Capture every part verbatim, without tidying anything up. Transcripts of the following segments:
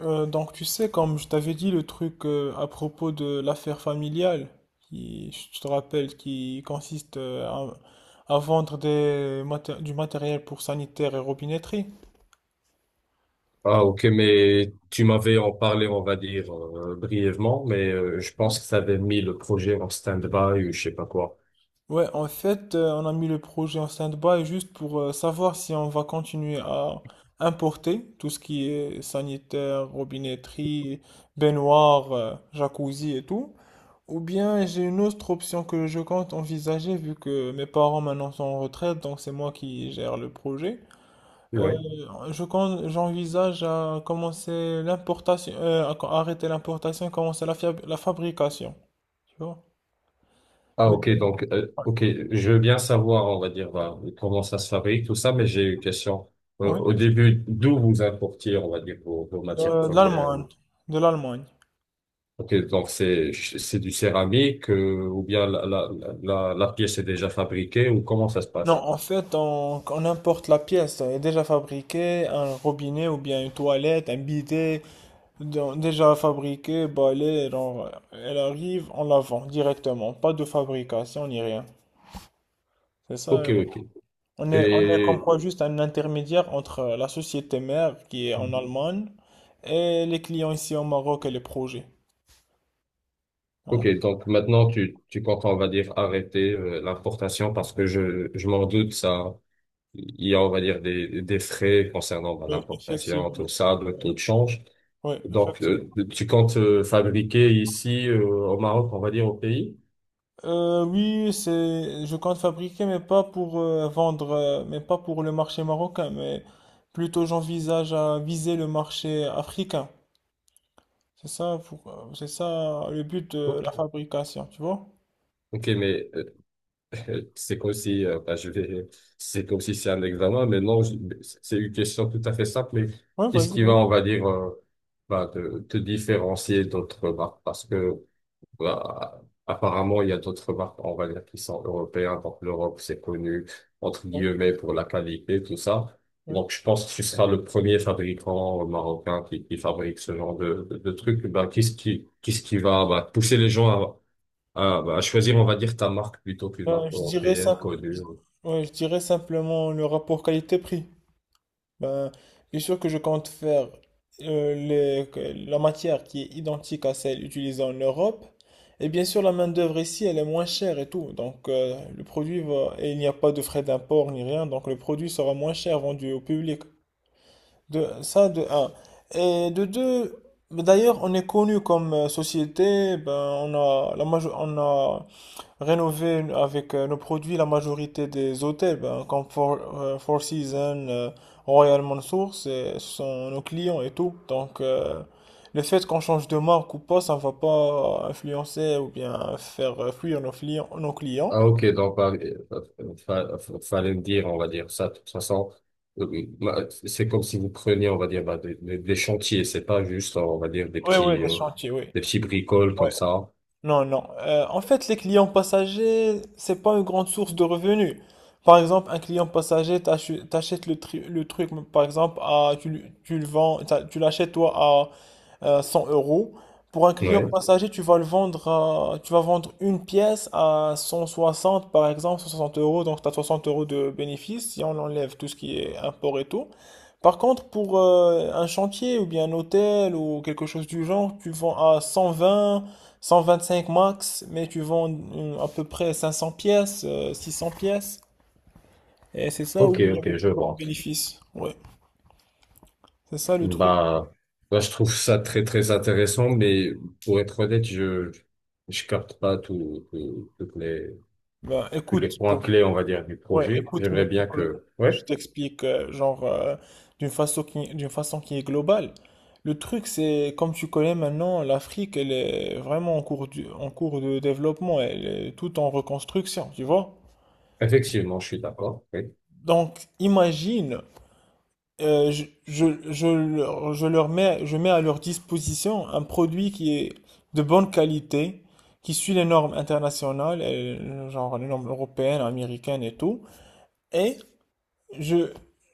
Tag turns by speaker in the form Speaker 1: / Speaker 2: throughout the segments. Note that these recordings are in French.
Speaker 1: Euh, donc tu sais, comme je t'avais dit le truc euh, à propos de l'affaire familiale, qui, je te rappelle, qui consiste euh, à, à vendre des maté- du matériel pour sanitaire et robinetterie.
Speaker 2: Ah, ok, mais tu m'avais en parlé, on va dire, euh, brièvement, mais euh, je pense que ça avait mis le projet en stand-by ou je sais pas quoi.
Speaker 1: Ouais, en fait, euh, on a mis le projet en stand-by juste pour euh, savoir si on va continuer à importer tout ce qui est sanitaire, robinetterie, baignoire, euh, jacuzzi et tout, ou bien j'ai une autre option que je compte envisager vu que mes parents maintenant sont en retraite, donc c'est moi qui gère le projet. Euh,
Speaker 2: Ouais.
Speaker 1: je compte, j'envisage à commencer l'importation, euh, à co- arrêter l'importation et commencer la, fiab- la fabrication. Tu vois?
Speaker 2: Ah,
Speaker 1: Mais
Speaker 2: ok, donc, euh, ok, je veux bien savoir, on va dire, bah, comment ça se fabrique, tout ça, mais j'ai une question. Euh,
Speaker 1: oui,
Speaker 2: au début, d'où vous importiez, on va dire, vos, vos
Speaker 1: de,
Speaker 2: matières
Speaker 1: de
Speaker 2: premières?
Speaker 1: l'Allemagne,
Speaker 2: Ou-
Speaker 1: de l'Allemagne.
Speaker 2: ok, donc c'est c'est du céramique, euh, ou bien la, la, la, la pièce est déjà fabriquée, ou comment ça se
Speaker 1: Non,
Speaker 2: passe?
Speaker 1: en fait, on, on importe la pièce. Elle est déjà fabriquée, un robinet ou bien une toilette, un bidet. Donc déjà fabriquée, balayée, genre, elle arrive, on la vend directement. Pas de fabrication ni rien. C'est
Speaker 2: Ok,
Speaker 1: ça.
Speaker 2: ok.
Speaker 1: On est, on est comme
Speaker 2: Et...
Speaker 1: quoi juste un intermédiaire entre la société mère qui est en Allemagne et les clients ici au Maroc et les projets.
Speaker 2: Ok,
Speaker 1: Donc,
Speaker 2: donc maintenant tu, tu comptes, on va dire, arrêter euh, l'importation parce que je, je m'en doute, ça, il y a, on va dire, des, des frais concernant bah,
Speaker 1: oui,
Speaker 2: l'importation,
Speaker 1: effectivement.
Speaker 2: tout ça, le taux de change.
Speaker 1: Oui,
Speaker 2: Donc,
Speaker 1: effectivement.
Speaker 2: euh, tu comptes euh, fabriquer ici euh, au Maroc, on va dire, au pays?
Speaker 1: Euh, oui, c'est, je compte fabriquer, mais pas pour euh, vendre, euh, mais pas pour le marché marocain, mais plutôt j'envisage à viser le marché africain. C'est ça, pour- euh, c'est ça le but de
Speaker 2: Ok,
Speaker 1: la fabrication, tu vois?
Speaker 2: ok, mais euh, c'est comme si, euh, bah, je vais, c'est comme si c'est un examen, mais non, je- c'est une question tout à fait simple, mais
Speaker 1: Ouais,
Speaker 2: qu'est-ce
Speaker 1: vas-y,
Speaker 2: qui va,
Speaker 1: vas-y.
Speaker 2: on va dire, euh, bah, te, te différencier d'autres marques? Parce que bah, apparemment, il y a d'autres marques, on va dire, qui sont européennes. Donc, l'Europe, c'est connu, entre
Speaker 1: Ouais,
Speaker 2: guillemets, pour la qualité, tout ça.
Speaker 1: ouais.
Speaker 2: Donc, je pense que tu seras le premier fabricant marocain qui, qui fabrique ce genre de, de, de trucs. Bah, qu'est-ce qui, qu'est-ce qui va, bah, pousser les gens à, à, bah, à choisir, on va dire, ta marque plutôt qu'une
Speaker 1: Ben,
Speaker 2: marque
Speaker 1: je dirais
Speaker 2: européenne
Speaker 1: ça.
Speaker 2: connue?
Speaker 1: Je, ouais, je dirais simplement le rapport qualité-prix. Ben, bien sûr que je compte faire euh, les- que- la matière qui est identique à celle utilisée en Europe. Et bien sûr, la main-d'œuvre ici, elle est moins chère et tout. Donc, euh, le produit va. Et il n'y a pas de frais d'import ni rien. Donc, le produit sera moins cher vendu au public. De, ça, de un. Et de deux, bah, d'ailleurs, on est connu comme euh, société. Ben, on a, la majo- on a rénové avec euh, nos produits la majorité des hôtels, ben, comme Four, euh, Four Seasons, euh, Royal Mansour, c'est- ce sont nos clients et tout. Donc, euh, le fait qu'on change de marque ou pas, ça ne va pas influencer ou bien faire euh, fuir nos clients, nos clients.
Speaker 2: Ah ok, donc bah, euh, fa- fa- fallait me dire, on va dire ça. De toute façon, euh, bah, c'est comme si vous preniez, on va dire, bah, des, des- des chantiers. C'est pas juste, on va dire, des
Speaker 1: Oui, oui,
Speaker 2: petits,
Speaker 1: des
Speaker 2: euh,
Speaker 1: chantiers, oui.
Speaker 2: des petits bricoles comme
Speaker 1: Ouais.
Speaker 2: ça.
Speaker 1: Non, non. Euh, en fait, les clients passagers, c'est pas une grande source de revenus. Par exemple, un client passager, t'achu- t'achètes le, tri- le truc, par exemple, à, tu, le- tu le vends, t'as- tu l'achètes toi euh, cent euros. Pour un client, ouais,
Speaker 2: Ouais.
Speaker 1: passager, tu vas le vendre à- tu vas vendre une pièce à cent soixante par exemple, cent soixante euros, donc tu as soixante euros de bénéfice si on enlève tout ce qui est import et tout. Par contre, pour euh, un chantier ou bien un hôtel ou quelque chose du genre, tu vends à cent vingt, cent vingt-cinq max, mais tu vends euh, à peu près cinq cents pièces, euh, six cents pièces, et c'est ça
Speaker 2: Ok,
Speaker 1: où il y a le
Speaker 2: ok, je
Speaker 1: plus grand
Speaker 2: vois.
Speaker 1: bénéfice. Ouais, c'est ça le truc.
Speaker 2: Bah, bah, je trouve ça très, très intéressant, mais pour être honnête, je, je capte pas tout, tout- toutes les,
Speaker 1: Bah,
Speaker 2: tous les
Speaker 1: écoute,
Speaker 2: points
Speaker 1: pour
Speaker 2: clés, on va dire, du
Speaker 1: ouais,
Speaker 2: projet.
Speaker 1: écoute, mais
Speaker 2: J'aimerais
Speaker 1: pour
Speaker 2: bien
Speaker 1: que-
Speaker 2: que,
Speaker 1: je
Speaker 2: ouais,
Speaker 1: t'explique, euh, genre, euh, d'une façon qui, d'une façon qui est globale. Le truc, c'est, comme tu connais maintenant, l'Afrique, elle est vraiment en cours du- en cours de développement, elle est tout en reconstruction, tu vois?
Speaker 2: effectivement, je suis d'accord. Oui.
Speaker 1: Donc, imagine, euh, je, je, je leur je leur mets, je mets à leur disposition un produit qui est de bonne qualité, qui suit les normes internationales, et genre les normes européennes, américaines et tout. Et Je,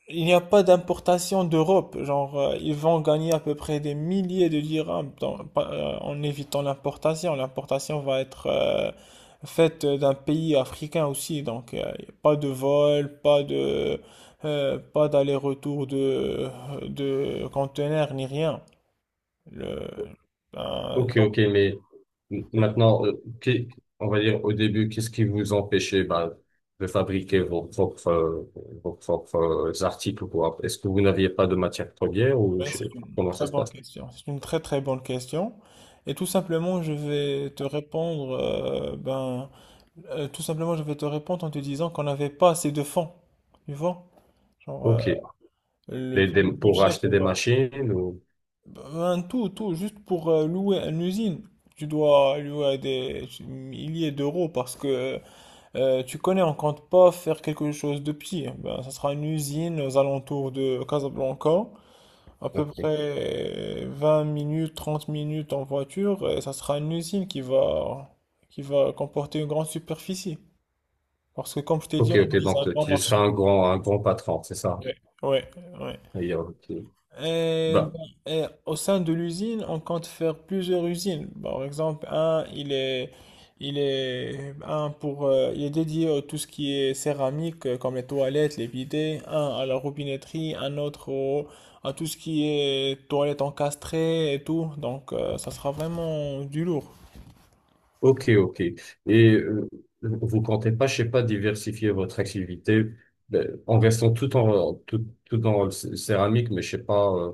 Speaker 1: il n'y a pas d'importation d'Europe. Genre, euh, ils vont gagner à peu près des milliers de dirhams dans- pa- euh, en évitant l'importation. L'importation va être euh, faite d'un pays africain aussi. Donc, euh, y a pas de vol, pas de, euh, pas d'aller-retour de, de conteneurs, ni rien. Le, ben,
Speaker 2: Ok,
Speaker 1: donc,
Speaker 2: ok, mais m-
Speaker 1: euh,
Speaker 2: maintenant, euh, qu'est- on va dire au début, qu'est-ce qui vous empêchait bah, de fabriquer vos propres, euh, vos propres euh, articles ou quoi? Est-ce que vous n'aviez pas de matière première ou
Speaker 1: ouais,
Speaker 2: je-
Speaker 1: c'est une
Speaker 2: comment ça
Speaker 1: très
Speaker 2: se
Speaker 1: bonne
Speaker 2: passe?
Speaker 1: question. C'est une très très bonne question. Et tout simplement, je vais te répondre, euh, ben. Euh, tout simplement, je vais te répondre en te disant qu'on n'avait pas assez de fonds. Tu vois? Genre, euh,
Speaker 2: Ok,
Speaker 1: le,
Speaker 2: Les-
Speaker 1: pour le
Speaker 2: des- pour
Speaker 1: budget
Speaker 2: acheter des
Speaker 1: pour
Speaker 2: machines ou...
Speaker 1: euh, un tout, tout, juste pour euh, louer une usine, tu dois louer des milliers d'euros parce que euh, tu connais, on compte pas faire quelque chose de pire. Ben, ça sera une usine aux alentours de Casablanca, à peu
Speaker 2: ok,
Speaker 1: près euh, vingt minutes, trente minutes en voiture, et ça sera une usine qui va, qui va comporter une grande superficie. Parce que comme je t'ai dit,
Speaker 2: ok,
Speaker 1: on
Speaker 2: ok,
Speaker 1: vise un
Speaker 2: donc
Speaker 1: grand
Speaker 2: tu seras
Speaker 1: marché.
Speaker 2: un grand, un grand patron, c'est ça?
Speaker 1: Ouais, ouais, ouais.
Speaker 2: D'ailleurs, ok.
Speaker 1: Euh,
Speaker 2: Bah,
Speaker 1: et au sein de l'usine, on compte faire plusieurs usines. Par exemple, un, il est, il est, un pour, euh, il est dédié à tout ce qui est céramique, euh, comme les toilettes, les bidets. Un à la robinetterie, un autre au- à tout ce qui est toilettes encastrées et tout. Donc, euh, ça sera vraiment du lourd.
Speaker 2: ok, ok. Et euh, vous comptez pas, je sais pas, diversifier votre activité euh, en restant tout en tout, tout dans le cé- céramique, mais je sais pas, euh,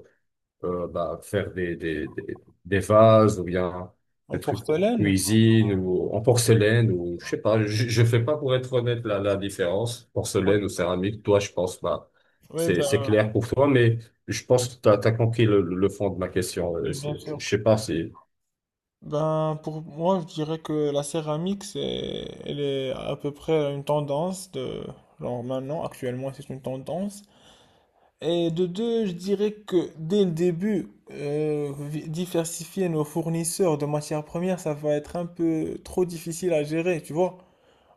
Speaker 2: euh, bah, faire des, des, des, des vases ou bien
Speaker 1: En
Speaker 2: des trucs en
Speaker 1: porcelaine?
Speaker 2: cuisine ou en porcelaine ou je sais pas. Je, je fais pas pour être honnête la, la différence porcelaine ou céramique. Toi, je pense, bah,
Speaker 1: Oui,
Speaker 2: c'est
Speaker 1: ben,
Speaker 2: c'est clair pour toi, mais je pense que t'as t'as compris le, le fond de ma question. Euh,
Speaker 1: oui, bien
Speaker 2: c'est-
Speaker 1: sûr.
Speaker 2: je sais pas si.
Speaker 1: Ben, pour moi, je dirais que la céramique, c'est, elle est à peu près une tendance de, genre maintenant, actuellement, c'est une tendance. Et de deux, je dirais que dès le début, euh, vi- diversifier nos fournisseurs de matières premières, ça va être un peu trop difficile à gérer, tu vois.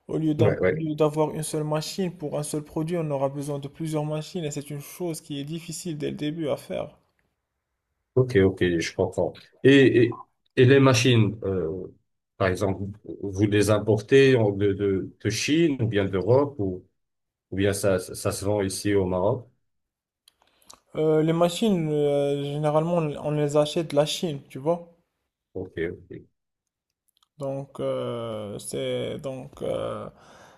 Speaker 1: Au lieu d'un-
Speaker 2: Ouais,
Speaker 1: au
Speaker 2: ouais.
Speaker 1: lieu d'avoir une seule machine pour un seul produit, on aura besoin de plusieurs machines et c'est une chose qui est difficile dès le début à faire.
Speaker 2: Ok, ok, je comprends. Et, et, et les machines, euh, par exemple, vous les importez en- de, de, de Chine ou bien d'Europe ou, ou bien ça, ça, ça se vend ici au Maroc?
Speaker 1: Euh, les machines, euh, généralement, on on les achète de la Chine, tu vois.
Speaker 2: Ok, ok.
Speaker 1: Donc euh, c'est donc euh,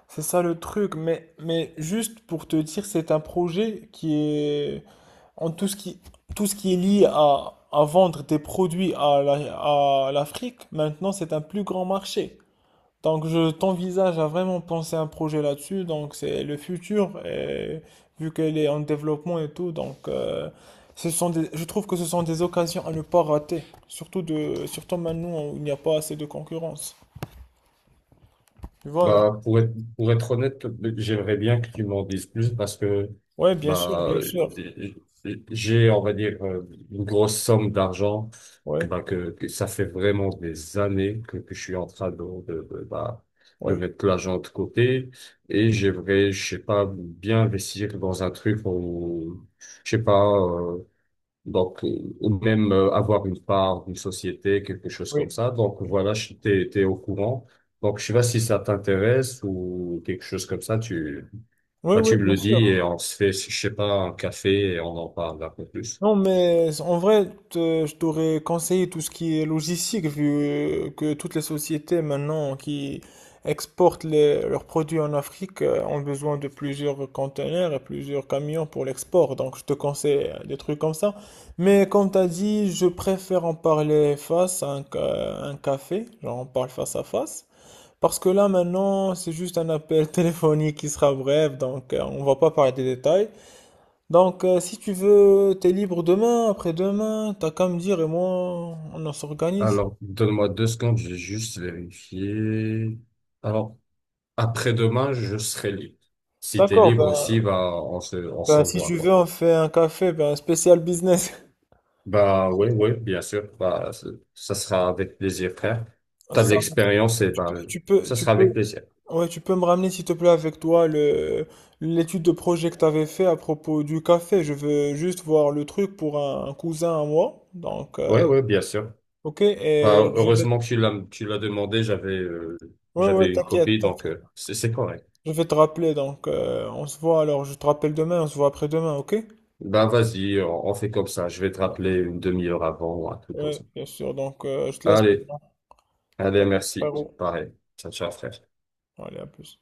Speaker 1: c'est ça le truc, mais mais juste pour te dire c'est un projet qui est en tout ce qui tout ce qui est lié à à vendre des produits à la- à l'Afrique maintenant, c'est un plus grand marché. Donc je t'envisage à vraiment penser un projet là-dessus, donc c'est le futur et vu qu'elle est en développement et tout, donc euh, ce sont des, je trouve que ce sont des occasions à ne pas rater, surtout de surtout maintenant où il n'y a pas assez de concurrence. Tu vois, non?
Speaker 2: Bah, pour être, pour être honnête, j'aimerais bien que tu m'en dises plus parce que,
Speaker 1: Ouais, bien sûr,
Speaker 2: bah,
Speaker 1: bien sûr.
Speaker 2: j'ai, on va dire, euh, une grosse somme d'argent que,
Speaker 1: Ouais,
Speaker 2: bah, que, que ça fait vraiment des années que, que je suis en train de, de, de, bah, de
Speaker 1: ouais,
Speaker 2: mettre l'argent de côté et j'aimerais, je sais pas, bien investir dans un truc où, je sais pas, euh, donc, euh, ou même euh, avoir une part d'une société, quelque chose
Speaker 1: oui.
Speaker 2: comme ça. Donc, voilà, je- t'es, t'es au courant. Donc, je sais pas si ça t'intéresse ou quelque chose comme ça, tu,
Speaker 1: Oui,
Speaker 2: bah,
Speaker 1: oui,
Speaker 2: tu me
Speaker 1: bien
Speaker 2: le dis
Speaker 1: sûr.
Speaker 2: et on se fait, je sais pas, un café et on en parle un peu plus.
Speaker 1: Non, mais en vrai, te- je t'aurais conseillé tout ce qui est logistique, vu que toutes les sociétés maintenant qui exportent les- leurs produits en Afrique euh, ont besoin de plusieurs conteneurs et plusieurs camions pour l'export. Donc, je te conseille euh, des trucs comme ça. Mais comme tu as dit, je préfère en parler face à un, ca- un café, genre on parle face à face. Parce que là, maintenant, c'est juste un appel téléphonique qui sera bref, donc euh, on va pas parler des détails. Donc, euh, si tu veux, t'es libre demain, après-demain, t'as qu'à me dire et moi, on en s'organise.
Speaker 2: Alors, donne-moi deux secondes, je vais juste vérifier. Alors, après-demain, je serai libre. Si t'es
Speaker 1: D'accord,
Speaker 2: libre aussi,
Speaker 1: ben,
Speaker 2: bah, on se, on se
Speaker 1: ben, si
Speaker 2: voit,
Speaker 1: tu veux,
Speaker 2: quoi.
Speaker 1: on fait un café, ben, spécial business.
Speaker 2: Bah oui, oui, bien sûr. Bah, c- ça sera avec plaisir, frère. T'as de
Speaker 1: Ça,
Speaker 2: l'expérience et
Speaker 1: tu
Speaker 2: bah,
Speaker 1: peux, tu peux,
Speaker 2: ça
Speaker 1: tu
Speaker 2: sera
Speaker 1: peux,
Speaker 2: avec plaisir.
Speaker 1: ouais, tu peux me ramener, s'il te plaît, avec toi, le, l'étude de projet que t'avais fait à propos du café. Je veux juste voir le truc pour un, un cousin à moi. Donc,
Speaker 2: Oui,
Speaker 1: euh,
Speaker 2: oui, bien sûr.
Speaker 1: ok,
Speaker 2: Bah,
Speaker 1: et je vais
Speaker 2: heureusement que tu l'as, tu l'as demandé. J'avais, euh,
Speaker 1: ouais, ouais,
Speaker 2: j'avais une
Speaker 1: t'inquiète,
Speaker 2: copie,
Speaker 1: t'inquiète.
Speaker 2: donc euh, c'est c'est correct.
Speaker 1: Je vais te rappeler, donc euh, on se voit alors, je te rappelle demain, on se voit après-demain, ok?
Speaker 2: Bah vas-y, on, on fait comme ça. Je vais te rappeler une demi-heure avant ou un truc comme
Speaker 1: Ouais,
Speaker 2: ça.
Speaker 1: bien sûr, donc euh, je te laisse
Speaker 2: Allez,
Speaker 1: maintenant. À
Speaker 2: allez,
Speaker 1: plus,
Speaker 2: merci.
Speaker 1: frérot.
Speaker 2: Pareil. Ciao, ciao, frère.
Speaker 1: Allez, à plus.